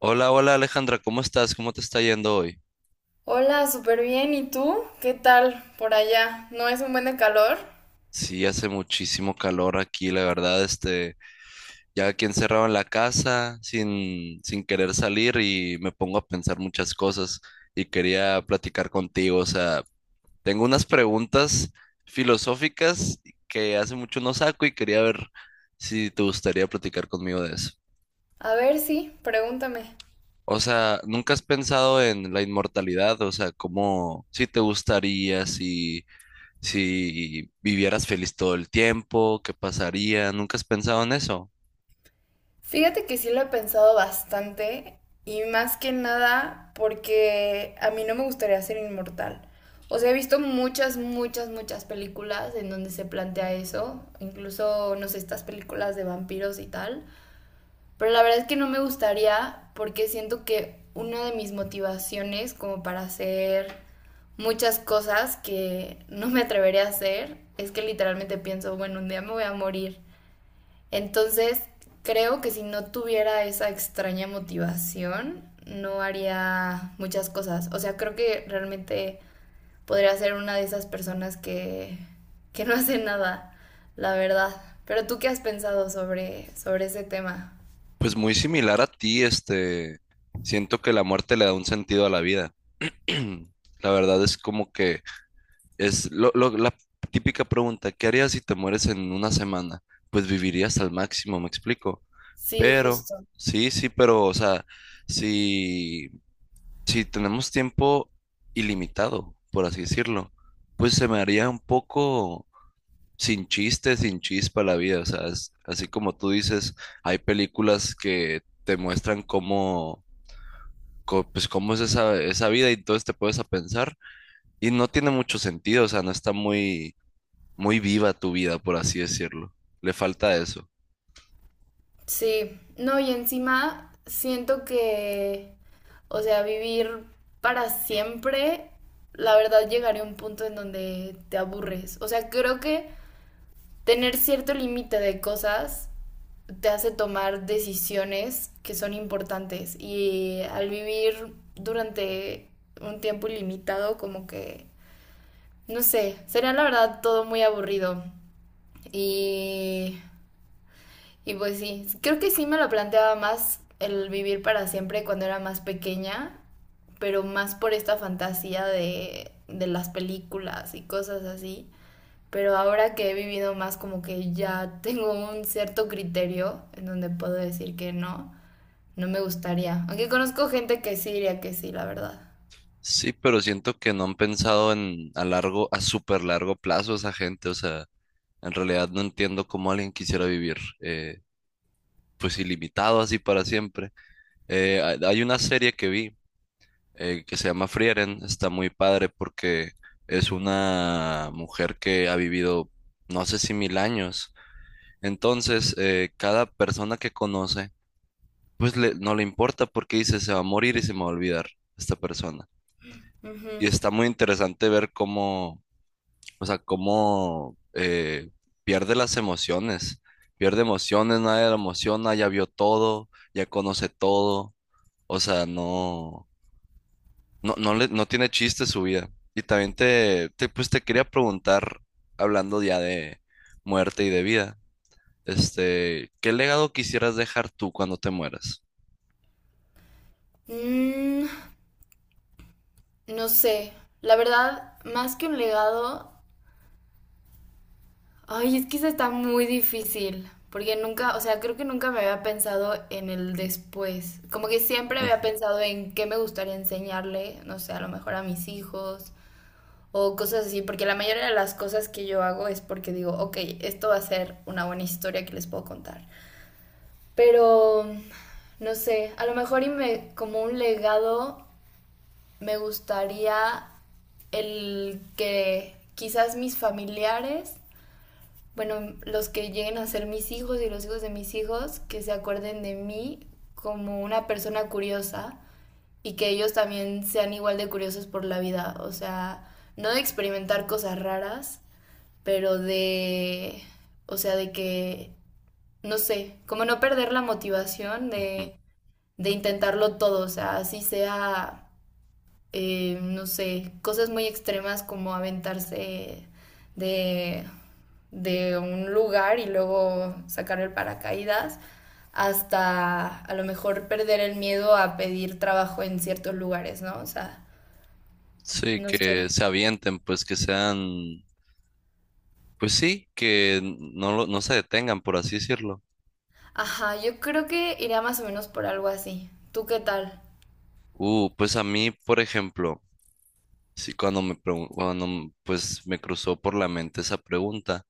Hola, hola Alejandra, ¿cómo estás? ¿Cómo te está yendo hoy? Hola, súper bien. ¿Y tú? ¿Qué tal por allá? ¿No es un buen de calor? Sí, hace muchísimo calor aquí, la verdad, ya aquí encerrado en la casa, sin querer salir y me pongo a pensar muchas cosas y quería platicar contigo, o sea, tengo unas preguntas filosóficas que hace mucho no saco y quería ver si te gustaría platicar conmigo de eso. A ver, sí, pregúntame. O sea, ¿nunca has pensado en la inmortalidad? O sea, ¿cómo, si te gustaría, si vivieras feliz todo el tiempo, ¿qué pasaría? ¿Nunca has pensado en eso? Fíjate que sí lo he pensado bastante y más que nada porque a mí no me gustaría ser inmortal. O sea, he visto muchas, muchas, muchas películas en donde se plantea eso, incluso, no sé, estas películas de vampiros y tal. Pero la verdad es que no me gustaría porque siento que una de mis motivaciones como para hacer muchas cosas que no me atrevería a hacer es que literalmente pienso, bueno, un día me voy a morir. Entonces, creo que si no tuviera esa extraña motivación, no haría muchas cosas. O sea, creo que realmente podría ser una de esas personas que no hace nada, la verdad. Pero tú qué has pensado sobre ese tema? Pues muy similar a ti, siento que la muerte le da un sentido a la vida. La verdad es como que es la típica pregunta, ¿qué harías si te mueres en una semana? Pues vivirías al máximo, me explico. Sí, Pero, justo. sí, sí, pero, o sea, si, si tenemos tiempo ilimitado, por así decirlo, pues se me haría un poco sin chiste, sin chispa la vida. O sea, así como tú dices, hay películas que te muestran cómo, pues, cómo es esa vida y entonces te puedes a pensar y no tiene mucho sentido, o sea, no está muy, muy viva tu vida, por así decirlo. Le falta eso. Sí. No, y encima siento que, o sea, vivir para siempre, la verdad llegaría a un punto en donde te aburres. O sea, creo que tener cierto límite de cosas te hace tomar decisiones que son importantes. Y al vivir durante un tiempo ilimitado, como que, no sé, sería la verdad todo muy aburrido. Y Y pues sí, creo que sí me lo planteaba más el vivir para siempre cuando era más pequeña, pero más por esta fantasía de las películas y cosas así. Pero ahora que he vivido más como que ya tengo un cierto criterio en donde puedo decir que no, no me gustaría. Aunque conozco gente que sí diría que sí, la verdad. Sí, pero siento que no han pensado en a súper largo plazo esa gente, o sea, en realidad no entiendo cómo alguien quisiera vivir, pues ilimitado así para siempre. Hay una serie que vi, que se llama Frieren. Está muy padre porque es una mujer que ha vivido no sé si 1000 años. Entonces, cada persona que conoce, pues no le importa porque dice, se va a morir y se me va a olvidar esta persona. Ujú. Y está muy interesante ver cómo, o sea, cómo pierde las emociones. Pierde emociones, nadie la emociona, ya vio todo, ya conoce todo. O sea, no. No, no, no tiene chiste su vida. Y también pues te quería preguntar, hablando ya de muerte y de vida, ¿qué legado quisieras dejar tú cuando te mueras? Mm, no sé, la verdad, más que un legado, ay, es que esa está muy difícil, porque nunca, o sea, creo que nunca me había pensado en el después. Como que siempre había Ujú, pensado en qué me gustaría enseñarle, no sé, a lo mejor a mis hijos o cosas así, porque la mayoría de las cosas que yo hago es porque digo, ok, esto va a ser una buena historia que les puedo contar. Pero, no sé, a lo mejor y me, como un legado me gustaría el que quizás mis familiares bueno, los que lleguen a ser mis hijos y los hijos de mis hijos, que se acuerden de mí como una persona curiosa y que ellos también sean igual de curiosos por la vida. O sea, no de experimentar cosas raras, pero de, o sea, de que, no sé, como no perder la motivación ujú. De intentarlo todo, o sea, así sea no sé, cosas muy extremas como aventarse de, de un lugar y luego sacar el paracaídas, hasta a lo mejor perder el miedo a pedir trabajo en ciertos lugares, ¿no? O sea, Sí, no que sé. se avienten, pues que sean, pues sí, que no, no se detengan, por así decirlo. Ajá, yo creo que iría más o menos por algo así. ¿Tú qué tal? Pues a mí, por ejemplo, sí, cuando me, pregun- cuando m- pues me cruzó por la mente esa pregunta,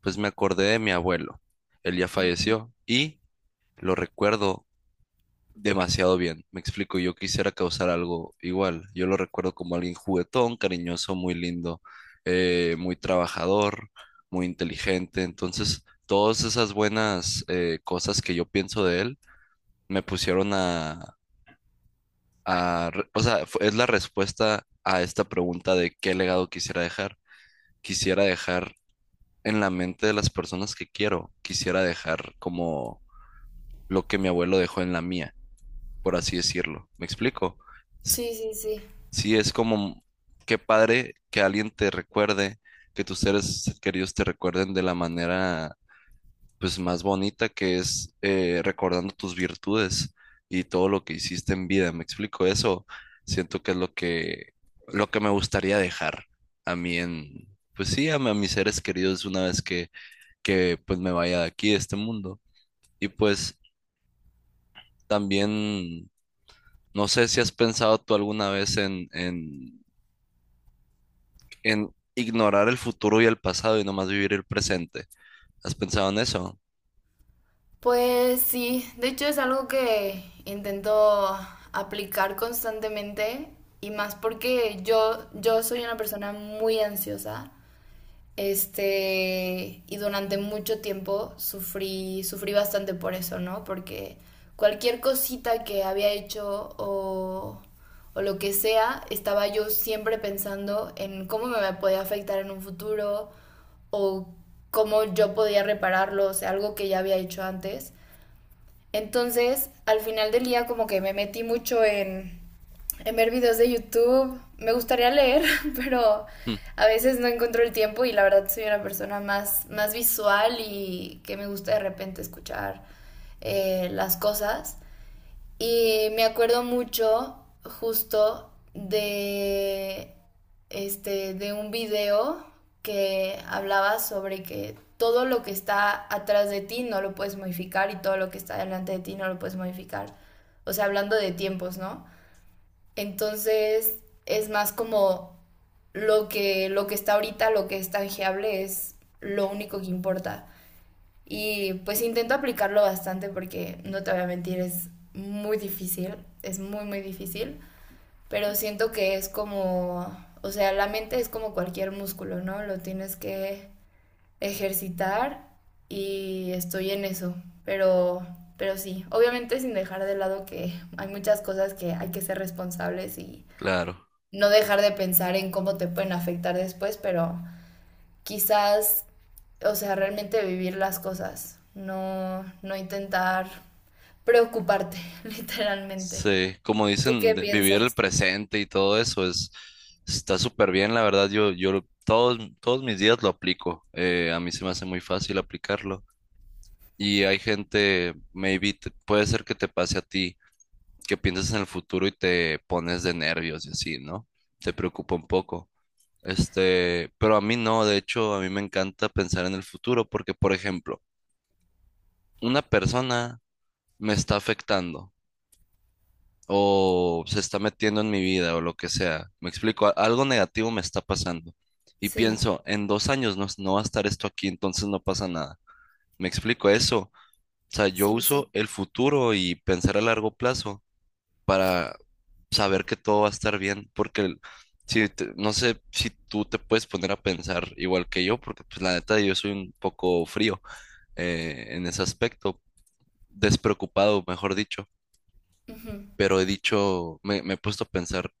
pues me acordé de mi abuelo. Él ya Ujú. falleció y lo recuerdo demasiado bien. Me explico, yo quisiera causar algo igual. Yo lo recuerdo como alguien juguetón, cariñoso, muy lindo, muy trabajador, muy inteligente. Entonces, todas esas buenas cosas que yo pienso de él me pusieron o sea, es la respuesta a esta pregunta de qué legado quisiera dejar. Quisiera dejar en la mente de las personas que quiero. Quisiera dejar como lo que mi abuelo dejó en la mía, por así decirlo. ¿Me explico? Sí, sí, sí. Sí, es como, qué padre que alguien te recuerde, que tus seres queridos te recuerden de la manera, pues, más bonita, que es recordando tus virtudes y todo lo que hiciste en vida. ¿Me explico eso? Siento que es lo que me gustaría dejar a mí, en, pues sí, a mis seres queridos una vez que, pues, me vaya de aquí, de este mundo. Y pues también, no sé si has pensado tú alguna vez en, en ignorar el futuro y el pasado y nomás vivir el presente. ¿Has pensado en eso? Pues sí, de hecho es algo que intento aplicar constantemente y más porque yo soy una persona muy ansiosa, este, y durante mucho tiempo sufrí bastante por eso, ¿no? Porque cualquier cosita que había hecho o lo que sea, estaba yo siempre pensando en cómo me podía afectar en un futuro o cómo yo podía repararlo, o sea, algo que ya había hecho antes. Entonces, al final del día como que me metí mucho en ver videos de YouTube. Me gustaría leer, pero Hmm, a veces no encuentro el tiempo y la verdad soy una persona más, más visual y que me gusta de repente escuchar las cosas. Y me acuerdo mucho justo de este de un video que hablaba sobre que todo lo que está atrás de ti no lo puedes modificar y todo lo que está delante de ti no lo puedes modificar. O sea, hablando de tiempos, ¿no? Entonces, es más como lo que está ahorita, lo que es tangible es lo único que importa. Y pues intento aplicarlo bastante porque no te voy a mentir, es muy difícil, es muy, muy difícil, pero siento que es como, o sea, la mente es como cualquier músculo, ¿no? Lo tienes que ejercitar y estoy en eso, pero, sí, obviamente sin dejar de lado que hay muchas cosas que hay que ser responsables y claro. no dejar de pensar en cómo te pueden afectar después, pero quizás, o sea, realmente vivir las cosas, no, no intentar preocuparte, literalmente. Sí, como ¿Tú dicen, qué vivir el piensas? presente y todo eso es está súper bien, la verdad. Todos mis días lo aplico. A mí se me hace muy fácil aplicarlo. Y hay gente, maybe puede ser que te pase a ti, que piensas en el futuro y te pones de nervios y así, ¿no? Te preocupa un poco. Pero a mí no. De hecho, a mí me encanta pensar en el futuro porque, por ejemplo, una persona me está afectando o se está metiendo en mi vida o lo que sea. Me explico, algo negativo me está pasando. Y Sí, pienso, en 2 años no va a estar esto aquí, entonces no pasa nada. Me explico eso. O sea, yo sí, uso sí. el futuro y pensar a largo plazo para saber que todo va a estar bien, porque no sé si tú te puedes poner a pensar igual que yo, porque pues la neta yo soy un poco frío, en ese aspecto, despreocupado, mejor dicho. Ujú. Pero he dicho, me he puesto a pensar,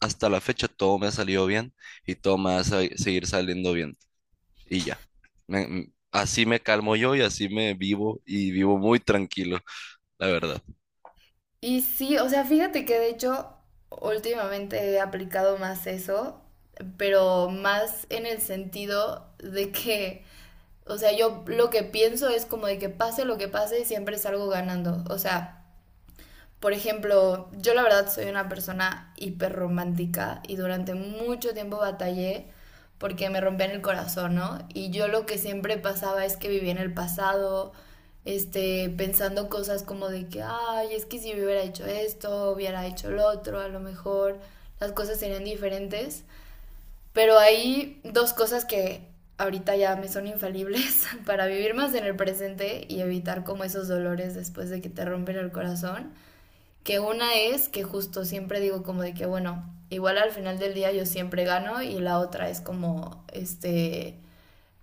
hasta la fecha todo me ha salido bien y todo me va a seguir saliendo bien y ya. Así me calmo yo y así me vivo y vivo muy tranquilo, la verdad. Y sí, o sea, fíjate que de hecho últimamente he aplicado más eso, pero más en el sentido de que, o sea, yo lo que pienso es como de que pase lo que pase, siempre salgo ganando. O sea, por ejemplo, yo la verdad soy una persona hiperromántica y durante mucho tiempo batallé porque me rompían el corazón, ¿no? Y yo lo que siempre pasaba es que vivía en el pasado, este, pensando cosas como de que, ay, es que si yo hubiera hecho esto, hubiera hecho lo otro, a lo mejor las cosas serían diferentes. Pero hay dos cosas que ahorita ya me son infalibles para vivir más en el presente y evitar como esos dolores después de que te rompen el corazón. Que una es que justo siempre digo como de que, bueno, igual al final del día yo siempre gano y la otra es como, este,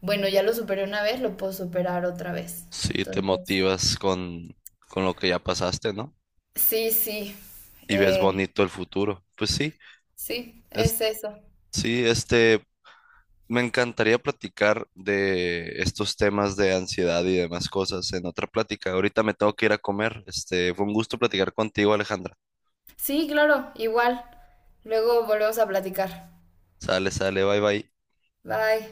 bueno, ya lo superé una vez, lo puedo superar otra vez. Sí, te Entonces, motivas con, lo que ya pasaste, ¿no? sí, sí, Y ves eh, bonito el futuro. Pues sí, sí, es, es eso. sí, me encantaría platicar de estos temas de ansiedad y demás cosas en otra plática. Ahorita me tengo que ir a comer. Fue un gusto platicar contigo, Alejandra. Sí, claro, igual. Luego volvemos a platicar. Sale, sale, bye bye. Bye.